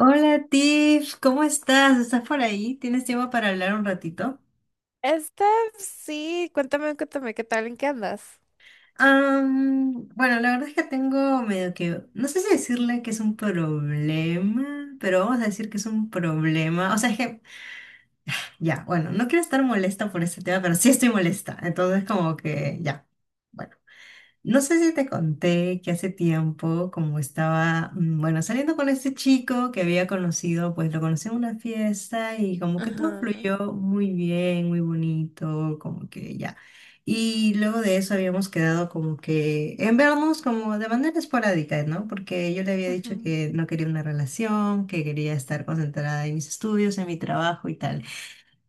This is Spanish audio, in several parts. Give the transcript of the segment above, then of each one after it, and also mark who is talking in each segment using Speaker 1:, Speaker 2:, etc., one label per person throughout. Speaker 1: Hola Tiff, ¿cómo estás? ¿Estás por ahí? ¿Tienes tiempo para hablar un ratito?
Speaker 2: este sí, cuéntame, cuéntame, ¿qué tal? ¿En qué andas?
Speaker 1: Bueno, la verdad es que tengo medio que, no sé si decirle que es un problema, pero vamos a decir que es un problema. O sea, es que, ya, bueno, no quiero estar molesta por este tema, pero sí estoy molesta. Entonces, como que, ya. Bueno. No sé si te conté que hace tiempo, como estaba, bueno, saliendo con este chico que había conocido, pues lo conocí en una fiesta y como que todo
Speaker 2: Ajá,
Speaker 1: fluyó muy bien, muy bonito, como que ya. Y luego de eso habíamos quedado como que en vernos como de manera esporádica, ¿no? Porque yo le había
Speaker 2: ajá,
Speaker 1: dicho que no quería una relación, que quería estar concentrada en mis estudios, en mi trabajo y tal.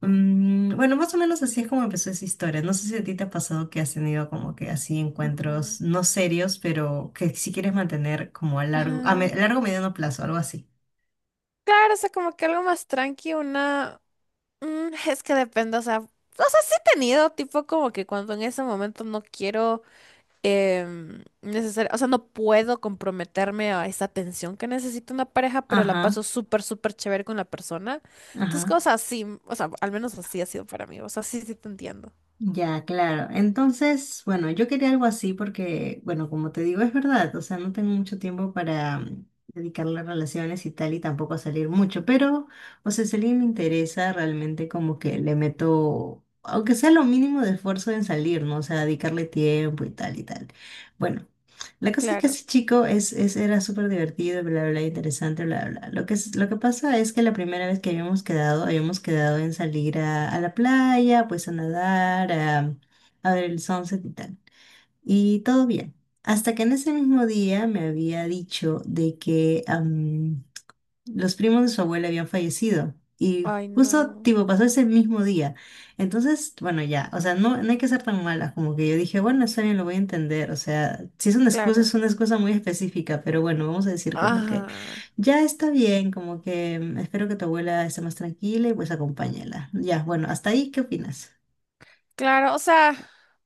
Speaker 1: Bueno, más o menos así es como empezó esa historia. No sé si a ti te ha pasado que has tenido como que así
Speaker 2: ajá,
Speaker 1: encuentros no serios, pero que si quieres mantener como a largo, a, a
Speaker 2: ajá.
Speaker 1: largo mediano plazo, algo así.
Speaker 2: Claro, o sea, como que algo más tranqui, una. Es que depende, o sea, sí he tenido, tipo, como que cuando en ese momento no quiero. Necesaria, o sea, no puedo comprometerme a esa atención que necesita una pareja, pero la paso
Speaker 1: Ajá,
Speaker 2: súper, súper chévere con la persona. Entonces,
Speaker 1: ajá.
Speaker 2: cosas así, o sea, al menos así ha sido para mí, o sea, sí, sí te entiendo.
Speaker 1: Ya, claro. Entonces, bueno, yo quería algo así porque, bueno, como te digo, es verdad, o sea, no tengo mucho tiempo para dedicarle a relaciones y tal y tampoco a salir mucho, pero, o sea, si alguien me interesa, realmente como que le meto, aunque sea lo mínimo de esfuerzo en salir, ¿no? O sea, dedicarle tiempo y tal y tal. Bueno. La cosa es que
Speaker 2: Claro.
Speaker 1: ese chico era súper divertido, bla, bla, bla, interesante, bla, bla. Lo que, lo que pasa es que la primera vez que habíamos quedado en salir a la playa, pues a nadar, a ver el sunset y tal. Y todo bien. Hasta que en ese mismo día me había dicho de que los primos de su abuela habían fallecido y
Speaker 2: Ay,
Speaker 1: justo
Speaker 2: no.
Speaker 1: tipo pasó ese mismo día. Entonces, bueno, ya, o sea, no, no hay que ser tan malas, como que yo dije, bueno, está bien, lo voy a entender, o sea, si es una excusa, es
Speaker 2: Claro.
Speaker 1: una excusa muy específica, pero bueno, vamos a decir como que
Speaker 2: Ajá.
Speaker 1: ya está bien, como que espero que tu abuela esté más tranquila y pues acompáñala. Ya, bueno, hasta ahí, ¿qué opinas?
Speaker 2: Claro, o sea,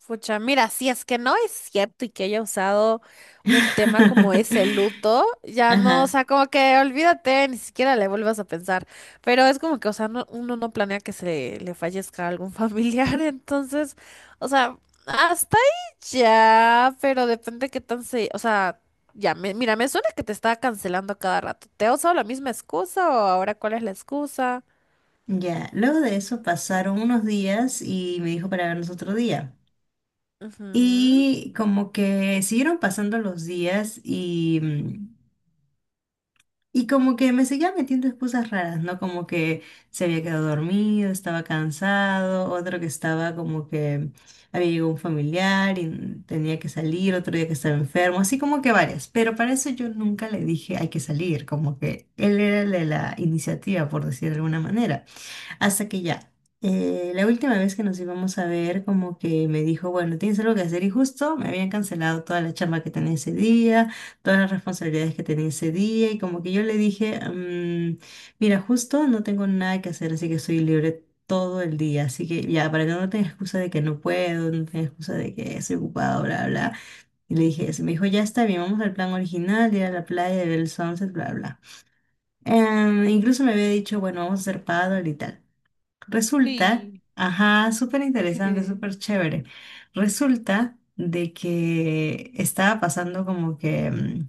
Speaker 2: pucha, mira, si es que no es cierto y que haya usado un tema como ese luto, ya no, o
Speaker 1: Ajá.
Speaker 2: sea, como que olvídate, ni siquiera le vuelvas a pensar. Pero es como que, o sea, uno no planea que se le fallezca a algún familiar, entonces, o sea, hasta ahí ya, pero depende qué tan o sea, ya, mira, me suena que te está cancelando a cada rato. ¿Te ha usado la misma excusa o ahora cuál es la excusa?
Speaker 1: Ya, luego de eso pasaron unos días y me dijo para vernos otro día.
Speaker 2: Ujú.
Speaker 1: Y como que siguieron pasando los días y y como que me seguía metiendo excusas raras, ¿no? Como que se había quedado dormido, estaba cansado, otro que estaba como que había llegado un familiar y tenía que salir, otro día que estaba enfermo, así como que varias. Pero para eso yo nunca le dije hay que salir, como que él era el de la iniciativa, por decir de alguna manera. Hasta que ya, la última vez que nos íbamos a ver, como que me dijo, bueno, tienes algo que hacer y justo me habían cancelado toda la chamba que tenía ese día, todas las responsabilidades que tenía ese día y como que yo le dije, mira, justo no tengo nada que hacer, así que estoy libre todo el día, así que ya, para que no tengas excusa de que no puedo, no tengas excusa de que estoy ocupado, bla, bla. Y le dije eso, me dijo, ya está bien, vamos al plan original, ir a la playa, ver el sunset, bla, bla. Incluso me había dicho, bueno, vamos a hacer paddle y tal. Resulta,
Speaker 2: Uy.
Speaker 1: ajá, súper interesante, súper chévere. Resulta de que estaba pasando como que,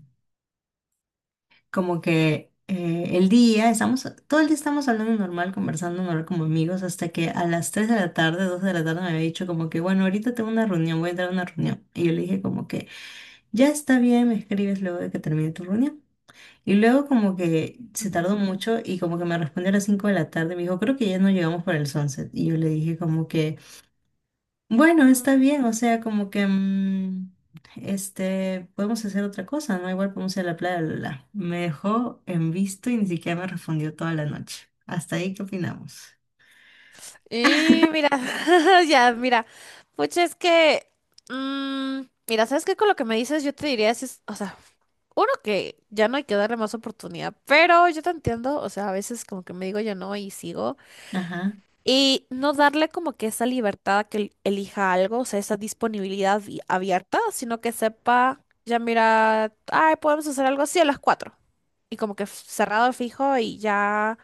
Speaker 1: como que el día, estamos, todo el día estamos hablando normal, conversando normal como amigos, hasta que a las tres de la tarde, 2 de la tarde me había dicho como que, bueno, ahorita tengo una reunión, voy a entrar a una reunión. Y yo le dije como que, ya está bien, me escribes luego de que termine tu reunión. Y luego como que se tardó
Speaker 2: Ujú.
Speaker 1: mucho y como que me respondió a las 5 de la tarde, me dijo, creo que ya no llegamos para el sunset. Y yo le dije como que... Bueno, está
Speaker 2: Mm.
Speaker 1: bien, o sea, como que este, podemos hacer otra cosa, ¿no? Igual podemos ir a la playa, bla, bla, bla. Me dejó en visto y ni siquiera me respondió toda la noche. Hasta ahí, ¿qué opinamos?
Speaker 2: Y mira, ya, mira, pucha, es que, mm, mira, ¿sabes qué? Con lo que me dices, yo te diría, si es, o sea, uno que ya no hay que darle más oportunidad, pero yo te entiendo, o sea, a veces como que me digo yo no y sigo.
Speaker 1: Ajá,
Speaker 2: Y no darle como que esa libertad a que elija algo, o sea, esa disponibilidad abierta, sino que sepa, ya mira, ay, podemos hacer algo así a las 4. Y como que cerrado fijo y ya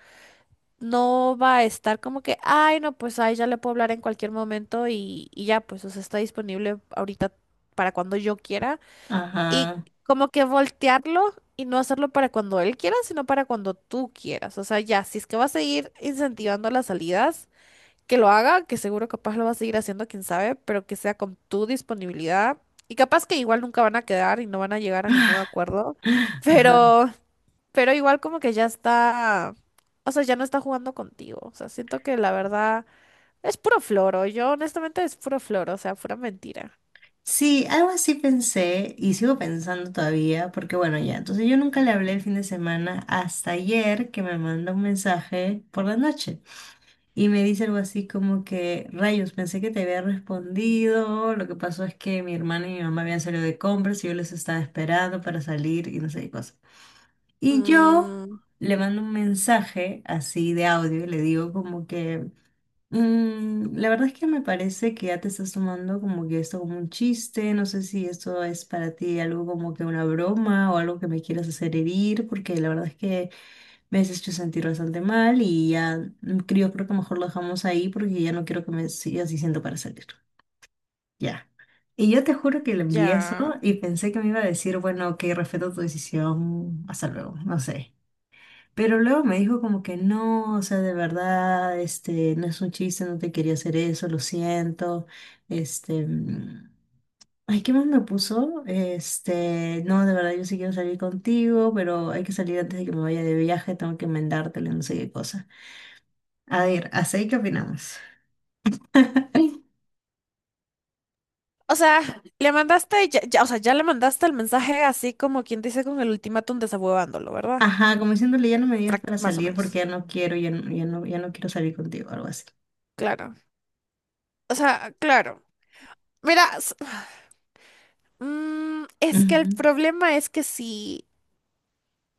Speaker 2: no va a estar como que, ay, no, pues ay, ya le puedo hablar en cualquier momento y ya, pues, o sea, está disponible ahorita para cuando yo quiera. Y
Speaker 1: ajá,
Speaker 2: como que voltearlo y no hacerlo para cuando él quiera, sino para cuando tú quieras. O sea, ya, si es que va a seguir incentivando las salidas que lo haga, que seguro capaz lo va a seguir haciendo, quién sabe, pero que sea con tu disponibilidad. Y capaz que igual nunca van a quedar y no van a llegar a ningún acuerdo,
Speaker 1: ajá.
Speaker 2: pero, pero igual como que ya está, o sea, ya no está jugando contigo. O sea, siento que la verdad es puro floro. Yo honestamente es puro floro, o sea, pura mentira.
Speaker 1: Sí, algo así pensé y sigo pensando todavía, porque bueno, ya, entonces yo nunca le hablé el fin de semana hasta ayer que me mandó un mensaje por la noche. Y me dice algo así como que, rayos, pensé que te había respondido. Lo que pasó es que mi hermana y mi mamá habían salido de compras y yo les estaba esperando para salir y no sé qué cosa. Y yo
Speaker 2: Mm,
Speaker 1: le mando un mensaje así de audio y le digo como que, la verdad es que me parece que ya te estás tomando como que esto como un chiste. No sé si esto es para ti algo como que una broma o algo que me quieras hacer herir, porque la verdad es que me veces hecho sentir bastante mal y ya creo que mejor lo dejamos ahí porque ya no quiero que me sigas diciendo para salir. Ya. Y yo te juro que le envié
Speaker 2: ya.
Speaker 1: eso y pensé que me iba a decir, bueno, ok, respeto tu decisión, hasta luego, no sé. Pero luego me dijo como que no, o sea, de verdad, este, no es un chiste, no te quería hacer eso, lo siento. Este, ay, ¿qué más me puso? Este, no, de verdad, yo sí quiero salir contigo, pero hay que salir antes de que me vaya de viaje, tengo que enmendártelo, no sé qué cosa. A ver, ¿hasta ahí qué opinamos?
Speaker 2: O sea, le mandaste, o sea, ya le mandaste el mensaje así como quien dice con el ultimátum desahuevándolo, ¿verdad?
Speaker 1: Ajá, como diciéndole, ya no me digas para
Speaker 2: Más o
Speaker 1: salir porque
Speaker 2: menos.
Speaker 1: ya no quiero, ya no, ya no, ya no quiero salir contigo, algo así.
Speaker 2: Claro. O sea, claro. Mira, es que el
Speaker 1: Ujú,
Speaker 2: problema es que si,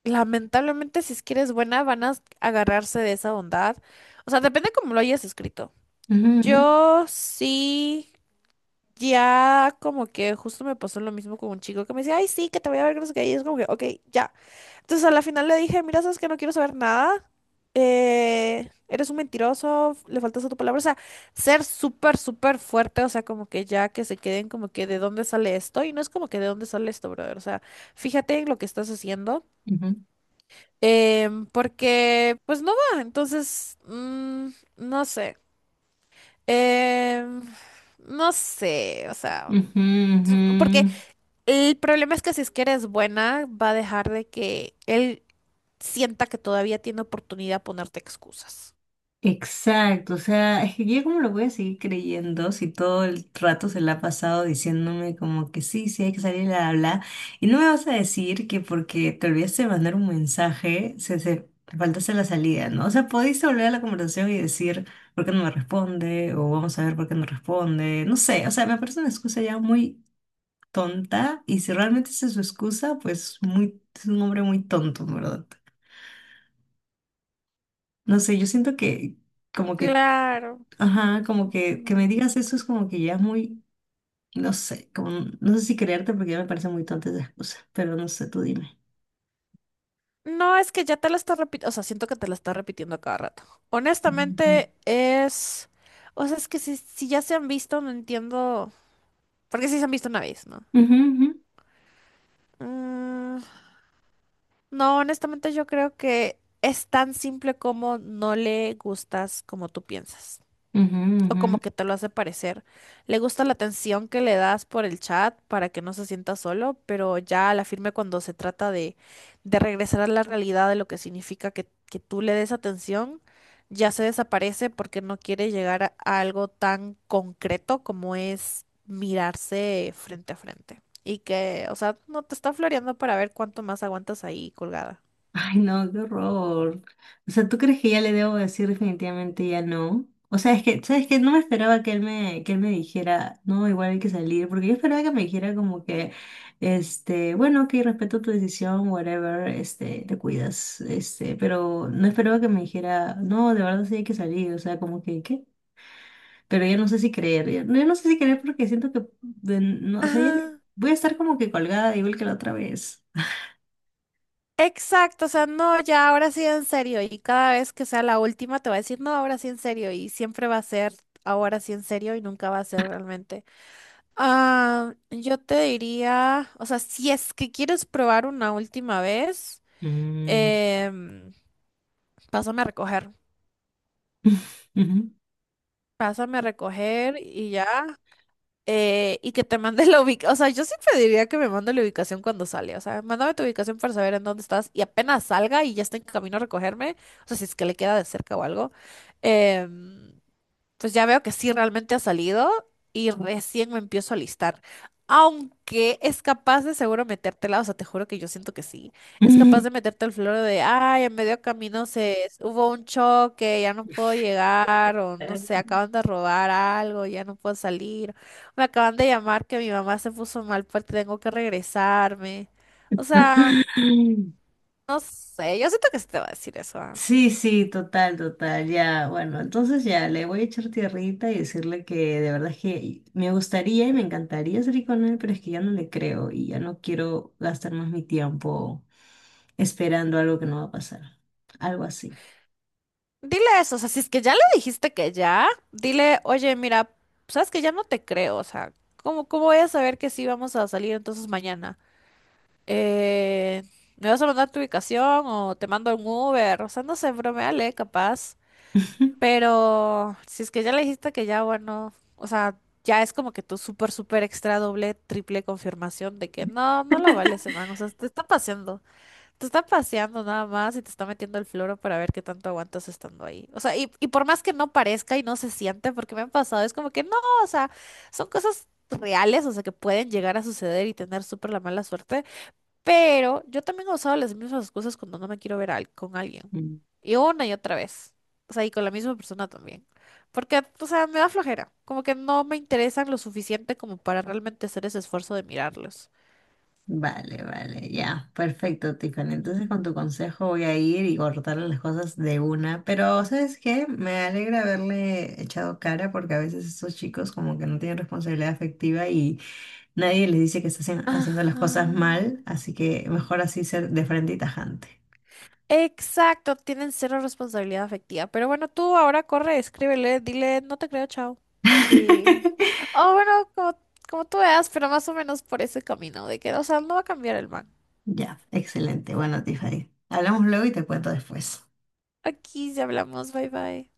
Speaker 2: lamentablemente, si es que eres buena, van a agarrarse de esa bondad. O sea, depende cómo lo hayas escrito.
Speaker 1: ujú, ujú,
Speaker 2: Yo sí, ya como que justo me pasó lo mismo con un chico que me decía, ay, sí, que te voy a ver, que no sé qué", y es como que, ok, ya. Entonces a la final le dije, mira, sabes que no quiero saber nada. Eres un mentiroso, le faltas a tu palabra. O sea, ser súper, súper fuerte. O sea, como que ya que se queden como que de dónde sale esto. Y no es como que de dónde sale esto, brother. O sea, fíjate en lo que estás haciendo.
Speaker 1: ujú,
Speaker 2: Porque, pues no va. Entonces, no sé. em, no sé. O sea,
Speaker 1: ujú,
Speaker 2: porque
Speaker 1: ujú,
Speaker 2: el problema es que si es que eres buena, va a dejar de que él sienta que todavía tiene oportunidad de ponerte excusas.
Speaker 1: exacto, o sea, es que yo cómo lo voy a seguir creyendo si todo el rato se la ha pasado diciéndome como que sí, sí hay que salir a hablar y no me vas a decir que porque te olvidaste de mandar un mensaje, se te faltaste la salida, ¿no? O sea, podéis volver a la conversación y decir por qué no me responde o vamos a ver por qué no responde, no sé, o sea, me parece una excusa ya muy tonta y si realmente esa es su excusa, pues muy, es un hombre muy tonto, en ¿verdad? No sé, yo siento que como que
Speaker 2: Claro.
Speaker 1: ajá, como que me
Speaker 2: Mm.
Speaker 1: digas eso es como que ya es muy, no sé, como, no sé si creerte porque ya me parecen muy tontas esas cosas, pero no sé, tú dime.
Speaker 2: No, es que ya te la estás repitiendo, o sea, siento que te la estás repitiendo a cada rato.
Speaker 1: Ujú,
Speaker 2: Honestamente, es. O sea, es que si ya se han visto, no entiendo. Porque si se han visto una vez, ¿no?
Speaker 1: ujú,
Speaker 2: Mm, no, honestamente yo creo que es tan simple como no le gustas como tú piensas.
Speaker 1: ujú, ujú,
Speaker 2: O como
Speaker 1: ujú.
Speaker 2: que te lo hace parecer. Le gusta la atención que le das por el chat para que no se sienta solo, pero ya a la firme cuando se trata de regresar a la realidad de lo que significa que tú le des atención, ya se desaparece porque no quiere llegar a algo tan concreto como es mirarse frente a frente. Y que, o sea, no te está floreando para ver cuánto más aguantas ahí colgada.
Speaker 1: Ay, no, qué horror. O sea, ¿tú crees que ya le debo decir definitivamente ya no? O sea, es que, ¿sabes qué? No me esperaba que él me dijera, no, igual hay que salir, porque yo esperaba que me dijera como que, este, bueno, ok, respeto tu decisión, whatever, este, te cuidas, este, pero no esperaba que me dijera, no, de verdad sí hay que salir, o sea, como que, ¿qué? Pero ya no sé si creer, ya, ya no sé si creer porque siento que, no, o sea, ya
Speaker 2: Ajá.
Speaker 1: voy a estar como que colgada igual que la otra vez.
Speaker 2: Exacto, o sea, no, ya ahora sí en serio. Y cada vez que sea la última te va a decir, no, ahora sí en serio. Y siempre va a ser ahora sí en serio y nunca va a ser realmente. Ah, yo te diría, o sea, si es que quieres probar una última vez,
Speaker 1: Mm.
Speaker 2: em, pásame a recoger.
Speaker 1: Ujú.
Speaker 2: Pásame a recoger y ya. Y que te mande la ubicación. O sea, yo sí pediría que me mande la ubicación cuando sale. O sea, mándame tu ubicación para saber en dónde estás y apenas salga y ya está en camino a recogerme. O sea, si es que le queda de cerca o algo. em, pues ya veo que sí realmente ha salido y recién me empiezo a listar. Aunque es capaz de seguro metértela, o sea, te juro que yo siento que sí. Es capaz de meterte el floro de, ay, en medio camino se hubo un choque, ya no puedo llegar, o no sé, acaban de robar algo, ya no puedo salir. Me acaban de llamar que mi mamá se puso mal, porque tengo que regresarme. O sea, no sé, yo siento que sí te va a decir eso. ¿Ah?
Speaker 1: Sí, sí, total, total, ya, bueno, entonces ya le voy a echar tierrita y decirle que de verdad es que me gustaría y me encantaría salir con él, pero es que ya no le creo y ya no quiero gastar más mi tiempo esperando algo que no va a pasar, algo así.
Speaker 2: Dile eso, o sea, si es que ya le dijiste que ya, dile, oye, mira, sabes que ya no te creo, o sea, ¿cómo voy a saber que sí vamos a salir entonces mañana? Eh, ¿Me vas a mandar tu ubicación o te mando un Uber? O sea, no sé, broméale, capaz. Pero si es que ya le dijiste que ya, bueno, o sea, ya es como que tu súper, súper extra doble, triple confirmación de que no, no lo vale ese man, o sea, te está paseando. Te está paseando nada más y te está metiendo el floro para ver qué tanto aguantas estando ahí. O sea, y por más que no parezca y no se siente, porque me han pasado, es como que no, o sea, son cosas reales, o sea, que pueden llegar a suceder y tener súper la mala suerte. Pero yo también he usado las mismas excusas cuando no me quiero ver con alguien. Y una y otra vez. O sea, y con la misma persona también. Porque, o sea, me da flojera. Como que no me interesan lo suficiente como para realmente hacer ese esfuerzo de mirarlos.
Speaker 1: Vale, vale, ya, perfecto, Tiffany. Entonces con
Speaker 2: Mm.
Speaker 1: tu consejo voy a ir y cortarle las cosas de una, pero ¿sabes qué? Me alegra haberle echado cara porque a veces estos chicos como que no tienen responsabilidad afectiva y nadie les dice que están haciendo las cosas
Speaker 2: Ajá.
Speaker 1: mal, así que mejor así ser de frente y tajante.
Speaker 2: Exacto, tienen cero responsabilidad afectiva. Pero bueno, tú ahora corre, escríbele, dile, no te creo, chao. Y. Oh, bueno, como tú veas, pero más o menos por ese camino de que, o sea, no va a cambiar el man.
Speaker 1: Ya, excelente. Bueno, Tiffany, hablamos luego y te cuento después.
Speaker 2: Aquí ya hablamos, bye bye.